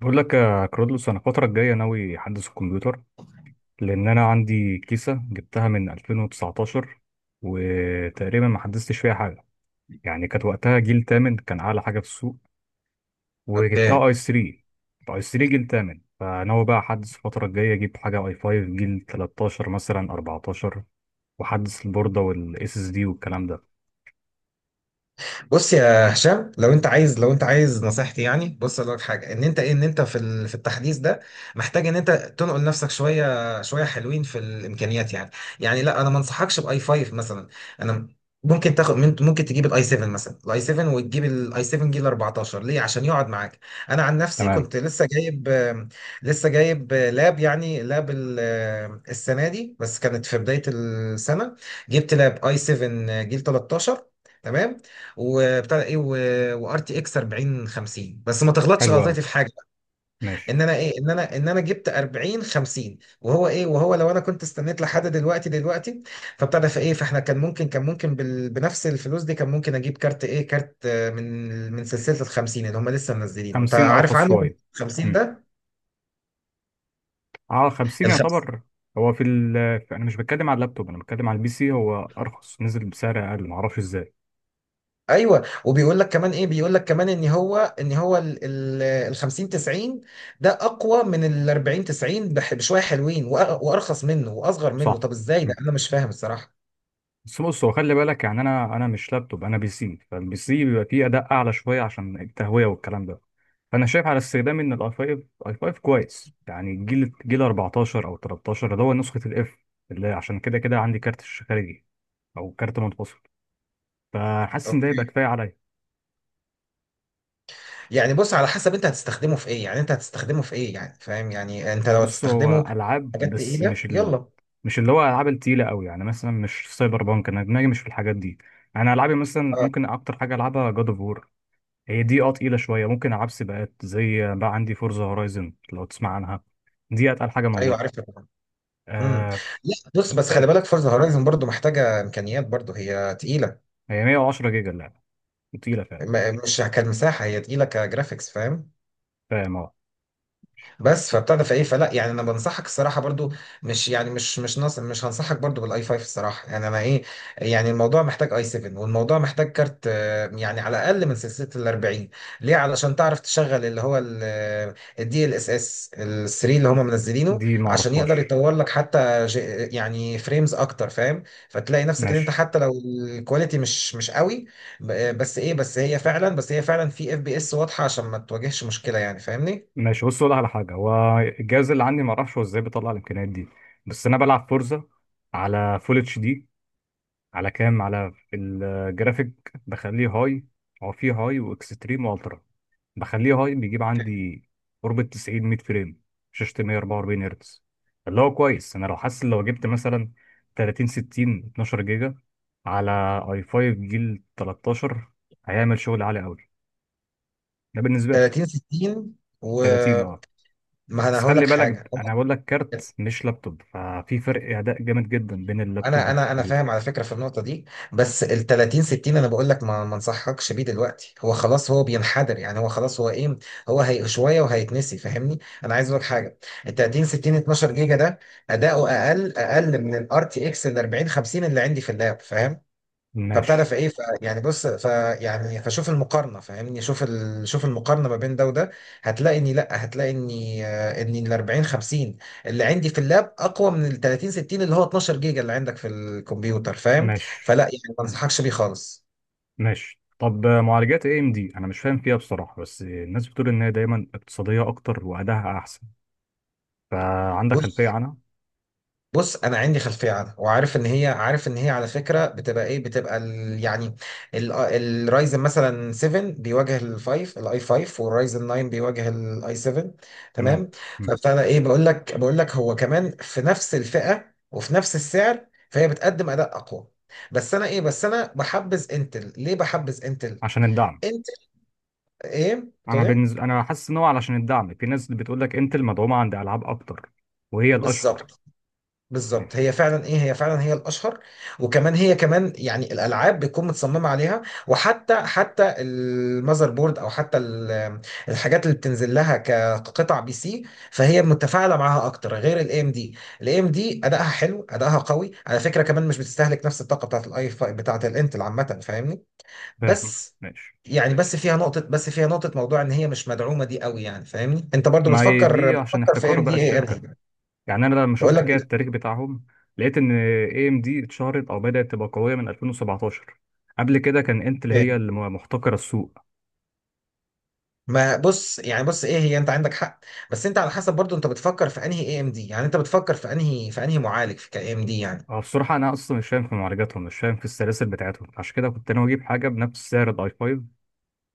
بقول لك يا كرودلوس، انا الفتره الجايه ناوي احدث الكمبيوتر، لان انا عندي كيسه جبتها من 2019، وتقريبا ما حدثتش فيها حاجه. يعني كانت وقتها جيل تامن، كان اعلى حاجه في السوق. اوكي. وجبتها اي 3، اي 3 جيل تامن، فناوي بقى احدث الفتره الجايه، اجيب حاجه اي 5 جيل 13 مثلا 14، واحدث البورده والاس اس دي والكلام ده. بص يا هشام، لو انت عايز نصيحتي. بص اقول لك حاجه، ان انت في التحديث ده محتاج ان انت تنقل نفسك شويه شويه، حلوين في الامكانيات يعني. لا، انا ما انصحكش باي 5 مثلا. انا ممكن تاخد ممكن تجيب الاي 7 مثلا، الاي 7 وتجيب الاي 7 جيل 14، ليه؟ عشان يقعد معاك. انا عن نفسي تمام. كنت لسه جايب لاب، السنه دي بس، كانت في بدايه السنه جبت لاب اي 7 جيل 13 وبتاع ده ايه وار تي اكس 40 50، بس ما تغلطش حلو قوي. غلطتي في حاجه بقى. ماشي. ان انا جبت 40 50، وهو لو انا كنت استنيت لحد دلوقتي فبتاع ده فايه فاحنا كان ممكن بنفس الفلوس دي كان ممكن اجيب كارت، كارت من سلسله ال 50 اللي هم لسه منزلينه، انت 50 عارف ارخص عنه شويه. 50 ده. اه، 50 ال يعتبر. هو في ال انا مش بتكلم على اللابتوب، انا بتكلم على البي سي. هو ارخص، نزل بسعر اقل، معرفش ازاي. ايوه، وبيقول لك كمان، ان هو ال 50 90 ده اقوى من ال 40 90 بشويه حلوين، وارخص منه واصغر منه. صح. طب ازاي ده؟ مم. انا مش فاهم الصراحه. بس بص، هو خلي بالك يعني، انا مش لابتوب، انا بي سي، فالبي سي بيبقى فيه اداء اعلى شويه عشان التهويه والكلام ده. فانا شايف على استخدام ان الاي 5، اي 5 كويس، يعني جيل 14 او 13، اللي هو نسخه الاف، اللي عشان كده كده عندي كارت شاشة خارجي، او كارت منفصل. فحاسس ان ده اوكي. يبقى كفايه عليا. بص، على حسب انت هتستخدمه في ايه. فاهم؟ انت لو بص هو هتستخدمه في العاب حاجات بس تقيله، مش يلا. مش اللي هو العاب التقيله قوي، يعني مثلا مش سايبر بانك، انا دماغي مش في الحاجات دي. انا العابي مثلا، اه، ممكن اكتر حاجه العبها جاد اوف وور، هي دي تقيله شويه. ممكن العب سباقات، زي بقى عندي فورزا هورايزن، لو تسمع عنها، دي اتقل حاجه ايوه موجوده. عارفها طبعا. امم آه. لا بص، بس خلي كفايه. بالك، فورزا هورايزن برضو محتاجه امكانيات، برضو هي تقيله. هي 110 جيجا اللعبه، تقيله فعلا. مش كمساحه، هي تقيله كجرافيكس، فاهم؟ فاهم، اه. بس فبتاع ده فايه فلا يعني انا بنصحك الصراحه برضو، مش يعني مش مش نص مش هنصحك برضو بالاي 5 الصراحه. يعني انا ايه يعني الموضوع محتاج اي 7، والموضوع محتاج كارت يعني على الاقل من سلسله ال 40، ليه؟ علشان تعرف تشغل اللي هو الدي ال اس اس ال 3 اللي هم منزلينه، دي ما عشان اعرفهاش. يقدر يطور لك حتى يعني فريمز اكتر، فاهم؟ فتلاقي نفسك ان انت ماشي. حتى لو الكواليتي مش قوي، بس هي فعلا في اف بي اس واضحه، عشان ما تواجهش مشكله، يعني فاهمني. ماشي. بص، اقول على حاجه، هو الجهاز اللي عندي ما اعرفش هو ازاي بيطلع الامكانيات دي. بس انا بلعب فورزا على فول اتش دي، على كام على في الجرافيك بخليه هاي. هو فيه هاي واكستريم والترا، بخليه هاي، بيجيب عندي قرب ال 90 100 فريم. شاشة 144 هرتز، اللي هو كويس. انا لو حاسس، لو جبت مثلا 30 60 12 جيجا على اي 5 جيل 13، هيعمل شغل عالي قوي، ده بالنسبة لي. 30 60؟ 30، اه. وما انا بس هقول خلي لك حاجه، بالك، انا بقول لك كارت مش لابتوب، ففي فرق اداء جامد جدا بين اللابتوب انا فاهم والكمبيوتر. على فكره في النقطه دي. بس ال 30 60 انا بقول لك ما انصحكش بيه دلوقتي. هو خلاص هو بينحدر، يعني هو خلاص هي شويه وهيتنسي، فاهمني؟ انا عايز اقول لك حاجه، ال 30 60 12 جيجا ده اداؤه اقل، من الار تي اكس ال 40 50 اللي عندي في اللاب، فاهم؟ ماشي. فبتعرف ايه ف يعني بص ف يعني فشوف المقارنه، فاهمني؟ شوف المقارنه ما بين ده وده، هتلاقي اني لا هتلاقي اني آه، اني ال 40 50 اللي عندي في اللاب اقوى من ال 30 60 اللي هو 12 جيجا اللي عندك في الكمبيوتر، فاهم؟ ماشي. فلا يعني ما انصحكش بيه خالص. ماشي. طب معالجات اي ام دي، انا مش فاهم فيها بصراحه، بس الناس بتقول ان هي دايما اقتصاديه اكتر، وادائها احسن. فعندك خلفيه بص عنها؟ بص انا عندي خلفيه عنها وعارف ان هي، على فكره بتبقى ايه بتبقى ال يعني الرايزن مثلا 7 بيواجه الفايف الاي 5، والرايزن 9 بيواجه الاي 7، تمام. تمام؟ مم. فابتدى ايه بقول لك بقول لك هو كمان في نفس الفئه وفي نفس السعر، فهي بتقدم اداء اقوى. بس انا بحبذ انتل. ليه بحبذ انتل؟ عشان الدعم. انتل، ايه انا بتقول ايه؟ بالنسبه، انا حاسس ان هو علشان الدعم، في ناس بتقول لك انتل مدعومه عند العاب اكتر، وهي الاشهر. بالظبط. بالظبط، ماشي. هي فعلا، هي الاشهر. وكمان هي كمان، يعني الالعاب بتكون متصممه عليها، حتى المذر بورد، او حتى الحاجات اللي بتنزل لها كقطع بي سي، فهي متفاعله معاها اكتر غير الاي ام دي. الاي ام دي ادائها حلو، ادائها قوي على فكره، كمان مش بتستهلك نفس الطاقه بتاعت الاي بتاعت الانتل عامه، فاهمني؟ فاهم. بس ماشي. فيها نقطه، موضوع ان هي مش مدعومه دي قوي، يعني فاهمني. انت برضو ما هي بتفكر، دي عشان في احتكار ام بقى دي، انهي؟ الشركه، يعني انا لما بقول شفت كده لك، التاريخ بتاعهم، لقيت ان اي ام دي اتشهرت او بدات تبقى قويه من 2017. قبل كده كان انتل هي اللي محتكره السوق. ما بص يعني بص ايه هي، انت عندك حق. بس انت على حسب برضو انت بتفكر في انهي اي ام دي، يعني انت بتفكر في انهي معالج في كاي ام دي، يعني؟ هو بصراحة أنا أصلا مش فاهم في معالجاتهم، مش فاهم في السلاسل بتاعتهم، عشان كده كنت ناوي أجيب حاجة بنفس سعر الأي 5،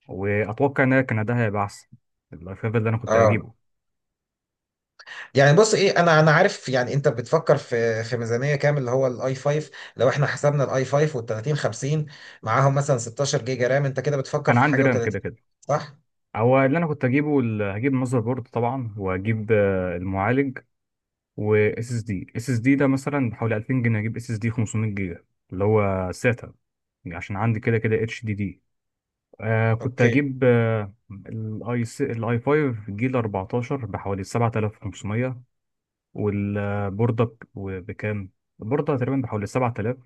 وأتوقع إن هي كان ده هيبقى أحسن. الأي 5 اللي أنا كنت اه. هجيبه. يعني بص ايه انا، عارف. يعني انت بتفكر في، ميزانيه كام اللي هو الاي 5؟ لو احنا حسبنا الاي 5 وال 30 50، معاهم مثلا 16 جيجا رام، انت كده بتفكر أنا في عندي حاجه رام و30، كده كده. صح؟ هو اللي أنا كنت هجيبه هجيب ماذر بورد طبعا، وهجيب المعالج، و اس اس دي اس اس دي ده، مثلا بحوالي 2000 جنيه، هجيب اس اس دي 500 جيجا، اللي هو ساتا، عشان عندي كده كده اتش دي دي. كنت اوكي. هجيب الاي 5 جيل 14 بحوالي 7500، والبوردة بكام؟ البوردة تقريبا بحوالي 7000،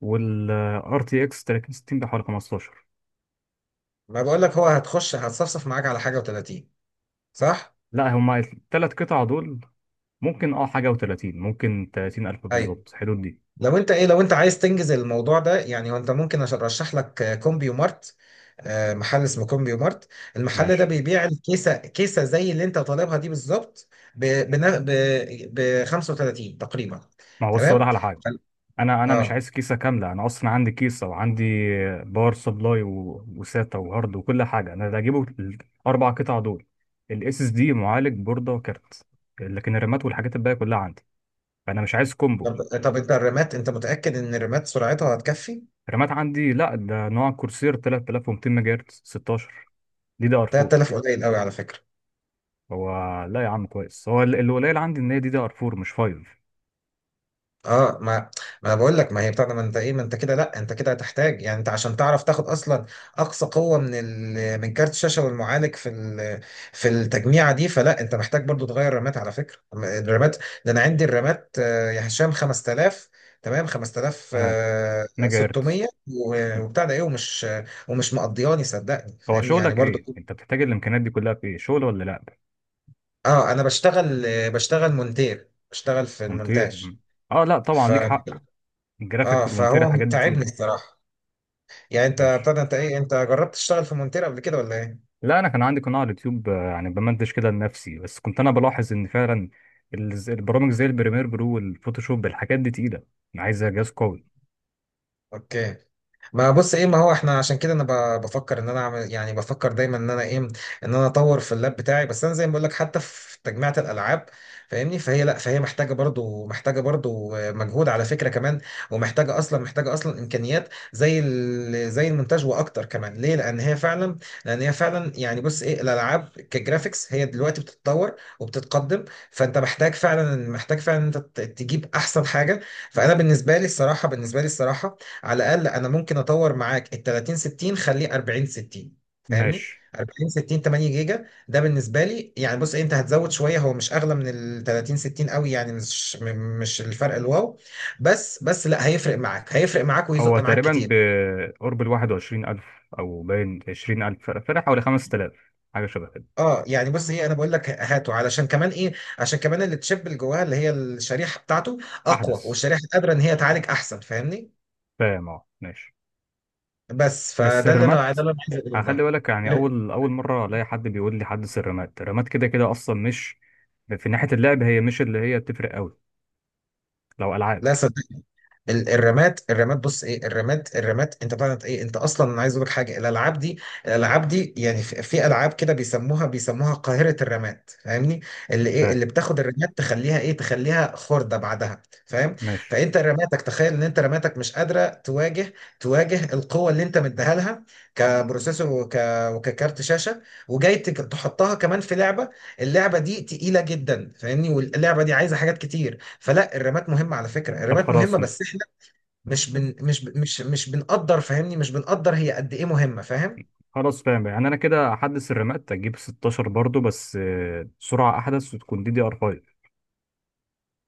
والار تي اكس 3060 بحوالي 15. ما بقول لك هو هتخش، هتصفصف معاك على حاجه و30، صح؟ لا، هما الثلاث قطع دول ممكن اه حاجة و30، ممكن 30000 ايوه. بالظبط، حدود دي. لو انت عايز تنجز الموضوع ده، يعني هو انت ممكن، عشان ارشح لك كومبيو مارت. محل اسمه كومبيو مارت. المحل ده ماشي. بيبيع الكيسه، كيسه زي اللي انت طالبها دي بالظبط، ب بنا- ب ب 35 تقريبا. ما هو بص، أقول لك تمام. على حاجة، فال- انا مش اه. عايز كيسة كاملة، انا اصلا عندي كيسة، وعندي باور سبلاي وساتا وهارد وكل حاجة، انا اللي هجيبه الاربع قطع دول، الاس اس دي، معالج، بوردة، وكارت. لكن الرامات والحاجات الباقية كلها عندي، فانا مش عايز كومبو. طب انت الرامات، انت متاكد ان الرامات سرعتها هتكفي؟ رامات عندي، لا ده نوع كورسير 3200 ميجا هرتز 16، دي دي ار 4. 3000 قليل قوي على فكره. هو، لا يا عم، كويس. هو اللي قليل عندي ان هي دي دي ار 4 مش 5. اه، ما ما انا بقول لك، ما هي بتاع ده، ما انت ايه ما انت كده، لا انت كده هتحتاج. يعني انت عشان تعرف تاخد اصلا اقصى قوه من من كارت الشاشه والمعالج في في التجميعه دي، فلا انت محتاج برضو تغير الرامات على فكره. الرامات ده انا عندي الرامات، يا هشام، 5000. تمام، تمام. ميجا هرتز. 5600 مم. وبتاع ده ايه ومش، مقضياني، صدقني هو فاهمني، يعني شغلك برضو. ايه؟ انت بتحتاج الامكانيات دي كلها في ايه، شغل ولا لا؟ اه، انا بشتغل، بشتغل مونتير، بشتغل في مونتير. المونتاج. مم. اه، لا طبعا ف، ليك حق، اه، الجرافيك والمونتير فهو الحاجات دي تعبني تقيله. الصراحه. يعني انت ماشي. بتاع ده انت ايه انت جربت تشتغل في مونتير قبل كده ولا ايه؟ لا، انا كان عندي قناه على اليوتيوب، يعني بمنتج كده لنفسي، بس كنت انا بلاحظ ان فعلا البرامج زي البريمير برو والفوتوشوب، الحاجات دي تقيله، عايزه جهاز قوي. اوكي. ما بص ايه ما هو احنا عشان كده انا بفكر ان انا اعمل، يعني بفكر دايما ان انا ايه ان انا اطور في اللاب بتاعي. بس انا زي ما بقول لك، حتى في تجميعة الالعاب، فاهمني؟ فهي لا فهي محتاجه برضو، مجهود على فكره كمان، ومحتاجه اصلا، محتاجه اصلا امكانيات زي زي المونتاج واكتر كمان. ليه؟ لان هي فعلا، يعني بص، الالعاب كجرافيكس هي دلوقتي بتتطور وبتتقدم، فانت محتاج فعلا، انت تجيب احسن حاجه. فانا بالنسبه لي الصراحه، على الاقل انا ممكن اطور معاك ال 30 60، خليه 40 60، فاهمني؟ ماشي. 40 60 8 جيجا ده، بالنسبه لي يعني بص، انت هتزود شويه، هو مش اغلى من ال 30 60 قوي يعني، مش الفرق الواو. بس لا، هيفرق معاك، هو ويزق معاك تقريبا كتير. بقرب ال 21000، أو باين 20000، فرق حوالي 5000، حاجة شبه كده. اه. يعني بص ايه انا بقول لك هاته، علشان كمان عشان كمان التشيب اللي جواها، اللي هي الشريحه بتاعته اقوى، أحدث. والشريحه قادره ان هي تعالج احسن، فاهمني؟ فاهم، أه. ماشي. بس بس فده اللي انا الرمات ده اللي انا عايز اقوله هخلي ده. بالك، يعني أول أول مرة ألاقي حد بيقول لي حدث الرمات. الرمات كده كده أصلا مش في ناحية اللعب، هي مش اللي هي بتفرق أوي لو ألعاب. لا صدق، الرماد، بص، ايه الرماد الرماد انت بتاعت ايه؟ انت اصلا، انا عايز اقول لك حاجه، الالعاب دي، يعني في، العاب كده بيسموها، قاهره الرماد، فاهمني؟ فاهم. اللي بتاخد الرماد تخليها تخليها خرده بعدها، فاهم؟ ماشي. فانت رماتك، تخيل ان انت رماتك مش قادره تواجه، القوه اللي انت مديها لها، كبروسيسور وككارت شاشه، وجاي تحطها كمان في لعبه. اللعبه دي تقيله جدا، فاهمني؟ واللعبه دي عايزه حاجات كتير، فلا الرمات مهمه على فكره، طب الرمات مهمه. خلاص بس، مش بن مش ب- مش مش بنقدر فاهمني، مش بنقدر، هي قد ايه مهمه، فاهم؟ خلاص فاهم. يعني أنا كده أحدث الرمات، أجيب 16 برضو، بس سرعة أحدث وتكون دي دي ار 5.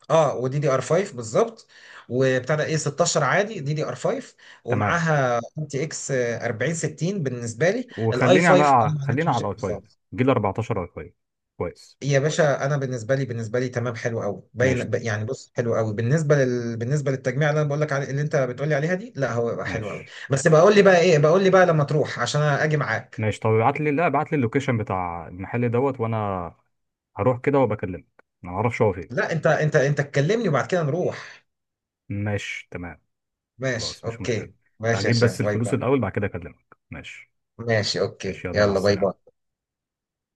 اه، ودي دي ار 5 بالظبط، وبتاع ده ايه 16 عادي دي دي ار 5، تمام. ومعاها ار تي اكس 4060 بالنسبه لي. الاي وخلينا 5؟ انا بقى ما عنديش خلينا على الاي مشاكل 5 خالص. جيل 14، اي 5 كويس. يا باشا انا بالنسبه لي، تمام حلو قوي، باين ماشي. يعني بص حلو قوي بالنسبه بالنسبه للتجميع اللي انا بقول لك عليه، اللي انت بتقول لي عليها دي، لا هو يبقى حلو قوي. ماشي. بس بقول لي بقى لما تروح عشان انا اجي معاك. ماشي. طب ابعت لي لا، ابعت لي اللوكيشن بتاع المحل دوت، وانا هروح كده وبكلمك، انا ما اعرفش هو فين. لا انت، انت تكلمني وبعد كده نروح. ماشي تمام. ماشي، خلاص، مش مشكلة. اوكي. ماشي يا تعجيب هشام، بس باي الفلوس باي. الاول، بعد كده اكلمك. ماشي. ماشي اوكي، ماشي يلا، مع يلا باي باي. السلامة.